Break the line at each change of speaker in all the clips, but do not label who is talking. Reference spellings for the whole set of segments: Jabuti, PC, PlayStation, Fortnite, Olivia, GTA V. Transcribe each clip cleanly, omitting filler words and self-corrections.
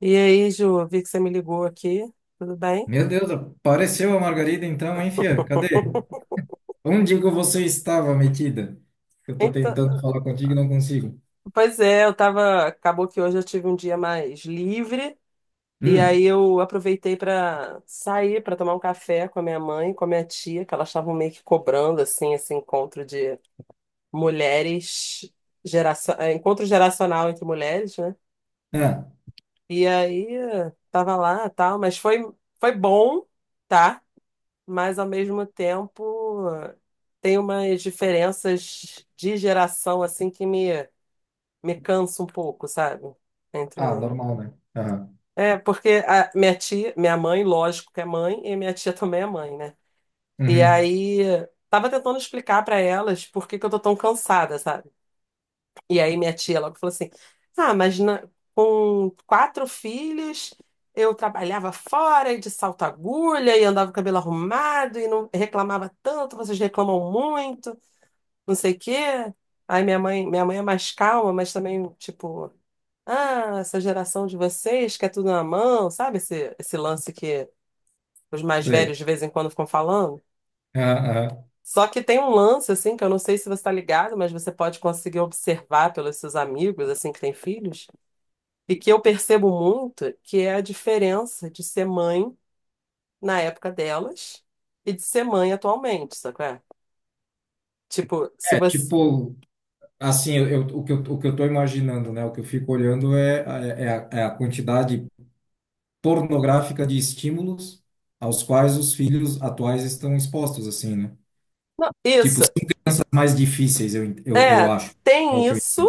E aí, Ju, vi que você me ligou aqui, tudo bem?
Meu Deus, apareceu a Margarida então, hein, fia? Cadê? Onde que você estava metida? Eu tô
Então,
tentando falar contigo e não consigo.
pois é, eu tava, acabou que hoje eu tive um dia mais livre e aí
Hum.
eu aproveitei para sair para tomar um café com a minha mãe, e com a minha tia, que elas estavam meio que cobrando assim esse encontro de mulheres geração, encontro geracional entre mulheres, né?
Ah,
E aí tava lá, tal, mas foi bom, tá? Mas ao mesmo tempo tem umas diferenças de geração assim que me cansa um pouco, sabe? Entre
ah, normal, né? Aham.
É, porque a minha tia, minha mãe, lógico que é mãe, e minha tia também é mãe, né? E
Uhum.
aí tava tentando explicar pra elas por que que eu tô tão cansada, sabe? E aí minha tia logo falou assim: Ah, mas com quatro filhos eu trabalhava fora e de salto agulha e andava com o cabelo arrumado e não reclamava tanto, vocês reclamam muito, não sei o quê. Aí minha mãe é mais calma, mas também, tipo, ah, essa geração de vocês que é tudo na mão, sabe? Esse lance que os mais
Sei.
velhos de vez em quando ficam falando.
Aham, aham.
Só que tem um lance, assim, que eu não sei se você está ligado, mas você pode conseguir observar pelos seus amigos, assim, que têm filhos. E que eu percebo muito que é a diferença de ser mãe na época delas e de ser mãe atualmente, sabe? Qual é? Tipo, se
É,
você.
tipo, assim, o que eu tô imaginando, né? O que eu fico olhando é, é a quantidade pornográfica de estímulos aos quais os filhos atuais estão expostos, assim, né?
Não,
Tipo,
isso,
ciências mais difíceis, eu acho. É o
tem
que eu.
isso,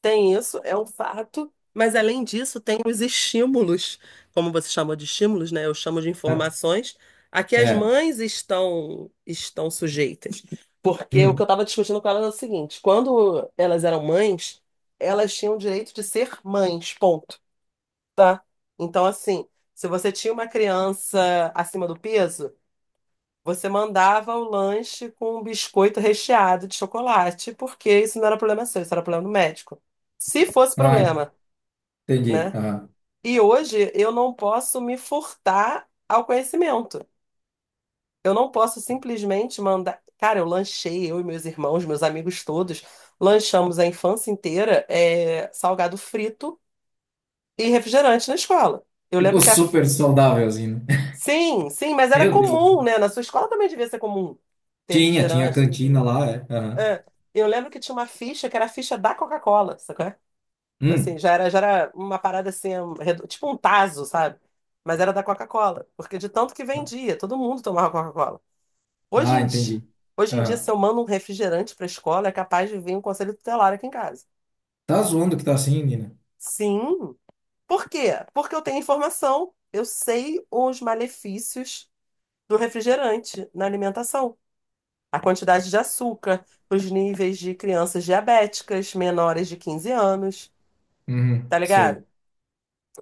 é um fato, mas além disso, tem os estímulos, como você chamou de estímulos, né? Eu chamo de informações, a que
É.
as
É.
mães estão sujeitas. Porque o que eu
Hum.
estava discutindo com elas é o seguinte: quando elas eram mães, elas tinham o direito de ser mães, ponto. Tá? Então, assim, se você tinha uma criança acima do peso, você mandava o lanche com um biscoito recheado de chocolate, porque isso não era problema seu, isso era problema do médico. Se fosse
Ai.
problema,
Entendi.
né?
Aham.
E hoje eu não posso me furtar ao conhecimento. Eu não posso simplesmente mandar. Cara, eu lanchei, eu e meus irmãos, meus amigos todos, lanchamos a infância inteira, é, salgado frito e refrigerante na escola. Eu lembro
Tipo,
que a.
super saudável, assim, né?
Sim, sim, mas era
Meu
comum,
Deus.
né? Na sua escola também devia ser comum ter
Tinha a
refrigerante.
cantina lá, é. Aham.
É. Eu lembro que tinha uma ficha que era a ficha da Coca-Cola, sacou? Assim,
Hum.
já era uma parada assim, tipo um tazo, sabe? Mas era da Coca-Cola, porque de tanto que vendia, todo mundo tomava Coca-Cola. Hoje
Ah,
em dia,
entendi.
hoje em dia, se
Aham.
eu mando um refrigerante para a escola, é capaz de vir um conselho tutelar aqui em casa.
Tá zoando que tá assim, Nina?
Sim. Por quê? Porque eu tenho informação, eu sei os malefícios do refrigerante na alimentação. A quantidade de açúcar para os níveis de crianças diabéticas menores de 15 anos,
Uhum,
tá ligado?
sei.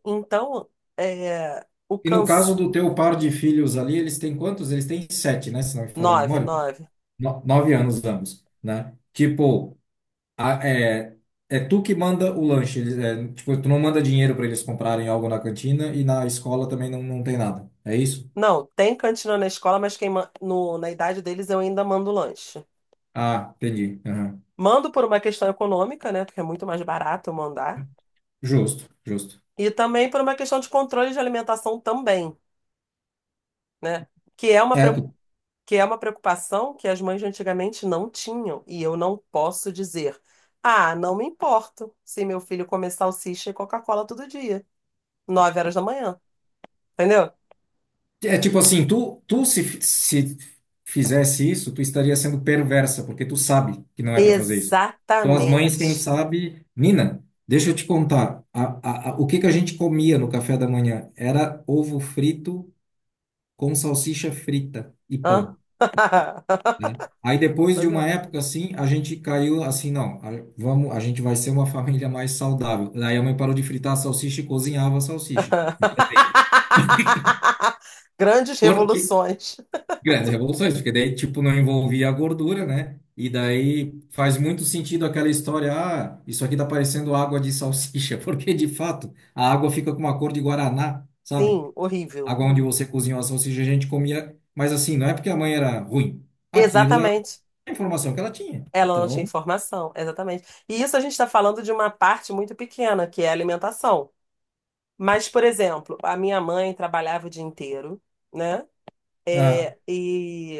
Então, o
E no caso
câncer.
do teu par de filhos ali, eles têm quantos? Eles têm sete, né? Se não me falha a
Nove,
memória.
nove.
9 anos ambos, né? Tipo, a- é, é tu que manda o lanche. Eles, é, tipo, tu não manda dinheiro para eles comprarem algo na cantina e na escola também não, não tem nada. É isso?
Não, tem cantina na escola, mas quem ma- no, na idade deles eu ainda mando lanche.
Ah, entendi. Aham.
Mando por uma questão econômica, né? Porque é muito mais barato eu mandar.
Justo, justo.
E também por uma questão de controle de alimentação também, né? Que é uma
É,
que é uma preocupação que as mães de antigamente não tinham, e eu não posso dizer, ah, não me importo se meu filho comer salsicha e Coca-Cola todo dia, 9 horas da manhã, entendeu?
é tipo assim, tu se fizesse isso, tu estaria sendo perversa, porque tu sabe que não é para fazer isso. Então, as mães, quem
Exatamente.
sabe. Nina, deixa eu te contar. O que que a gente comia no café da manhã? Era ovo frito com salsicha frita e
Hã?
pão, né? Aí, depois de
Pois é.
uma época assim, a gente caiu assim: não, vamos, a gente vai ser uma família mais saudável. Daí a mãe parou de fritar a salsicha e cozinhava a salsicha. Veja bem.
Grandes
Porque
revoluções.
Grandes revoluções, porque daí, tipo, não envolvia a gordura, né? E daí faz muito sentido aquela história: ah, isso aqui tá parecendo água de salsicha, porque de fato a água fica com uma cor de guaraná, sabe?
Sim,
A
horrível.
água onde você cozinhou a salsicha, a gente comia, mas assim, não é porque a mãe era ruim. Aquilo é
Exatamente.
a informação que ela tinha.
Ela não tinha
Então,
informação, exatamente. E isso a gente está falando de uma parte muito pequena, que é a alimentação. Mas, por exemplo, a minha mãe trabalhava o dia inteiro, né?
ah,
É, e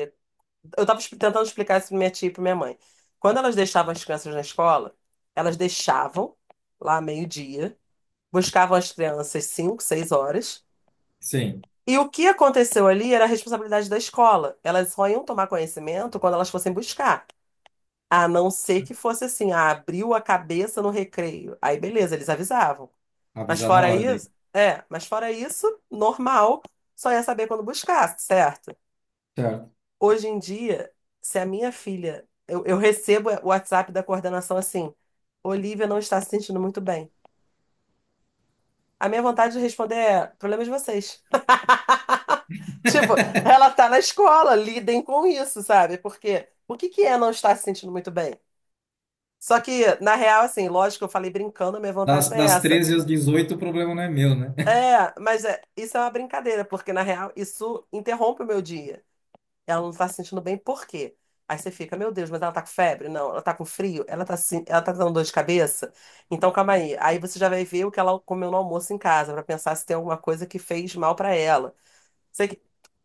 eu estava tentando explicar isso para minha tia e para minha mãe. Quando elas deixavam as crianças na escola, elas deixavam lá meio-dia, buscavam as crianças 5, 6 horas.
sim,
E o que aconteceu ali era a responsabilidade da escola. Elas só iam tomar conhecimento quando elas fossem buscar. A não ser que fosse assim, ah, abriu a cabeça no recreio. Aí, beleza, eles avisavam. Mas
avisar na
fora
hora daí.
isso, normal, só ia saber quando buscar, certo?
Certo.
Hoje em dia, se a minha filha, eu, recebo o WhatsApp da coordenação assim, Olivia não está se sentindo muito bem. A minha vontade de responder é, problema de vocês. Tipo, ela tá na escola, lidem com isso, sabe? Porque o que que é não estar se sentindo muito bem? Só que, na real, assim, lógico, eu falei brincando, a minha vontade
Das,
não é
das
essa.
13 às 18 o problema não é meu, né?
É, mas é, isso é uma brincadeira, porque na real isso interrompe o meu dia. Ela não tá se sentindo bem, por quê? Aí você fica, meu Deus, mas ela tá com febre? Não, ela tá com frio? Ela tá, ela tá dando dor de cabeça? Então calma aí. Aí você já vai ver o que ela comeu no almoço em casa, pra pensar se tem alguma coisa que fez mal pra ela. Você,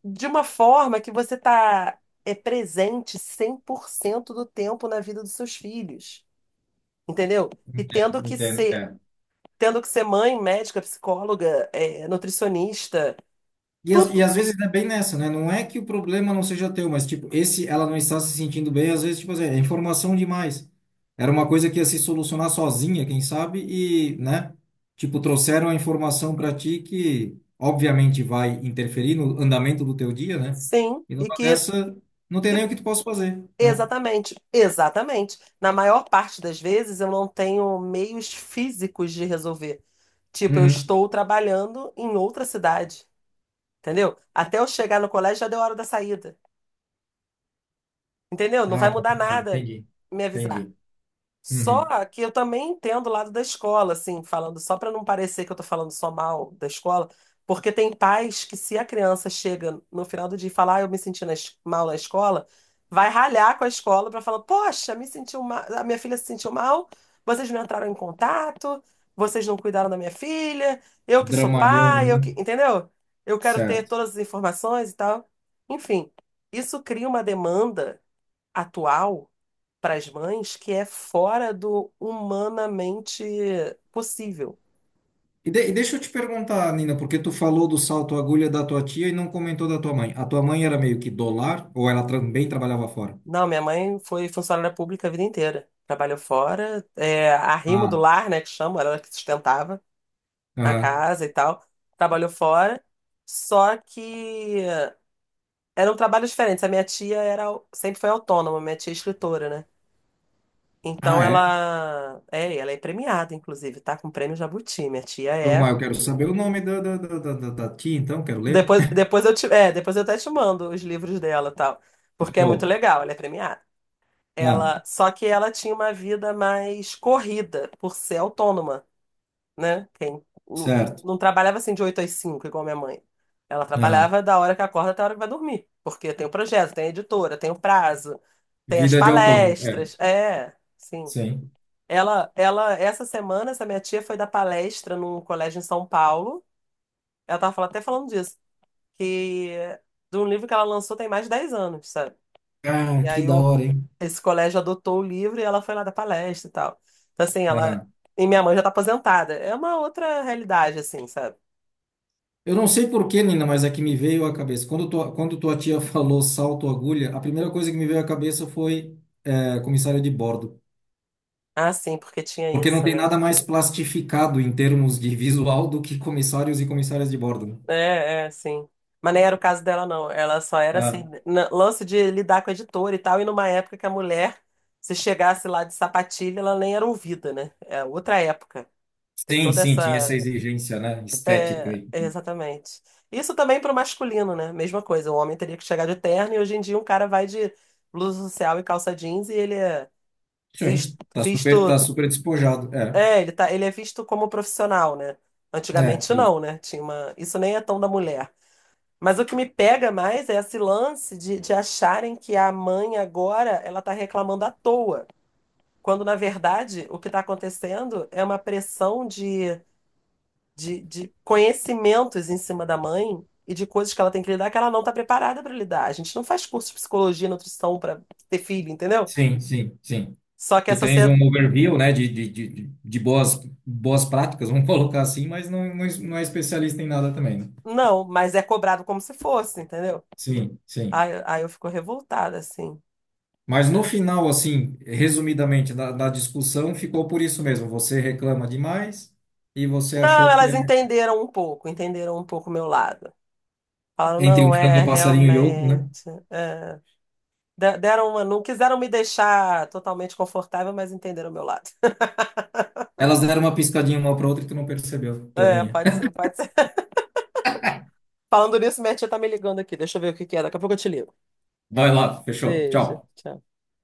de uma forma que você tá é presente 100% do tempo na vida dos seus filhos, entendeu? E
Entendo,
tendo que
entendo. É.
ser, tendo que ser mãe, médica, psicóloga, é, nutricionista
E
tudo.
às vezes é bem nessa, né? Não é que o problema não seja teu, mas tipo, esse ela não está se sentindo bem, às vezes, tipo assim, é informação demais. Era uma coisa que ia se solucionar sozinha, quem sabe, e, né? Tipo, trouxeram a informação para ti que obviamente vai interferir no andamento do teu dia, né?
Sim.
E
E
numa
que.
dessa, não tem
e-
nem o que tu possa fazer, né?
Exatamente, exatamente. Na maior parte das vezes eu não tenho meios físicos de resolver. Tipo, eu
Uhum.
estou trabalhando em outra cidade, entendeu? Até eu chegar no colégio já deu a hora da saída, entendeu? Não vai
Ah,
mudar
complicado.
nada
Entendi.
me avisar.
Entendi. Uhum.
Só que eu também entendo o lado da escola, assim, falando só para não parecer que eu tô falando só mal da escola, porque tem pais que se a criança chega no final do dia e falar, ah, eu me senti mal na escola, vai ralhar com a escola para falar, poxa, me sentiu mal, a minha filha se sentiu mal, vocês não entraram em contato, vocês não cuidaram da minha filha, eu que sou
Dramalhão,
pai, eu
né?
que, entendeu? Eu quero ter
Certo.
todas as informações e tal. Enfim, isso cria uma demanda atual para as mães que é fora do humanamente possível.
E deixa eu te perguntar, Nina, porque tu falou do salto agulha da tua tia e não comentou da tua mãe. A tua mãe era meio que dólar ou ela também trabalhava fora?
Não, minha mãe foi funcionária pública a vida inteira. Trabalhou fora, arrimo do
Ah,
lar, né, que chamam, ela que sustentava a
aham.
casa e tal. Trabalhou fora, só que era um trabalho diferente. A minha tia era, sempre foi autônoma, minha tia é escritora, né? Então
Ah, é?
ela é premiada, inclusive, tá com o prêmio Jabuti. Minha tia é.
Mas eu quero saber o nome da tia, então, quero ler.
Depois eu até te mando os livros dela, e tal, porque é muito
Show.
legal, ela é premiada.
Ah,
Ela, só que ela tinha uma vida mais corrida por ser autônoma, né? Quem não,
certo.
não trabalhava assim de 8 às 5 igual minha mãe. Ela
Aham.
trabalhava da hora que acorda até a hora que vai dormir, porque tem o projeto, tem a editora, tem o prazo, tem as
Vida de autônomo, é.
palestras. É, sim.
Sim.
Essa semana, essa minha tia foi dar palestra num colégio em São Paulo. Ela tava até falando disso, que de um livro que ela lançou tem mais de 10 anos, sabe?
Ah,
E
que
aí
da hora, hein?
esse colégio adotou o livro e ela foi lá dar palestra e tal. Então, assim, ela.
Aham.
E minha mãe já tá aposentada. É uma outra realidade, assim, sabe?
Eu não sei por que, Nina, mas é que me veio à cabeça. Quando tua tia falou salto agulha, a primeira coisa que me veio à cabeça foi, comissário de bordo.
Ah, sim, porque tinha
Porque não
isso,
tem
né?
nada mais plastificado em termos de visual do que comissários e comissárias de bordo, né?
É, é, sim. Mas nem era o caso dela, não. Ela só era assim,
Ah,
lance de lidar com a editora e tal, e numa época que a mulher, se chegasse lá de sapatilha, ela nem era ouvida, né? É outra época. Tem
sim,
toda
sim, tinha essa
essa.
exigência, né? Estética
É,
aí.
exatamente. Isso também para o masculino, né? Mesma coisa, o homem teria que chegar de terno e hoje em dia um cara vai de blusa social e calça jeans e ele é visto,
Sim, tá super, tá
visto,
super despojado.
é, ele tá, ele é visto como profissional, né? Antigamente
Justo.
não, né? Tinha uma, isso nem é tão da mulher. Mas o que me pega mais é esse lance de, acharem que a mãe agora ela tá reclamando à toa, quando na verdade o que está acontecendo é uma pressão de conhecimentos em cima da mãe e de coisas que ela tem que lidar que ela não está preparada para lidar. A gente não faz curso de psicologia, nutrição para ter filho, entendeu?
Sim, sim, sim.
Só que a
Tu tens um
sociedade.
overview, né, de boas, boas práticas, vamos colocar assim, mas não é especialista em nada também, né?
Não, mas é cobrado como se fosse, entendeu?
Sim, sim.
Aí, eu fico revoltada, assim.
Mas no
É.
final, assim, resumidamente, da discussão, ficou por isso mesmo. Você reclama demais e você
Não,
achou que
elas entenderam um pouco o meu lado. Falaram,
entre um
não, é,
frango passarinho e outro, né?
realmente. É. Deram uma, não quiseram me deixar totalmente confortável, mas entenderam o meu lado.
Elas deram uma piscadinha uma para outra e tu não percebeu,
É,
tolinha.
pode ser, pode ser. Falando nisso, minha tia tá me ligando aqui. Deixa eu ver o que que é. Daqui a pouco eu te ligo.
Vai lá, fechou.
Beijo.
Tchau.
Tchau.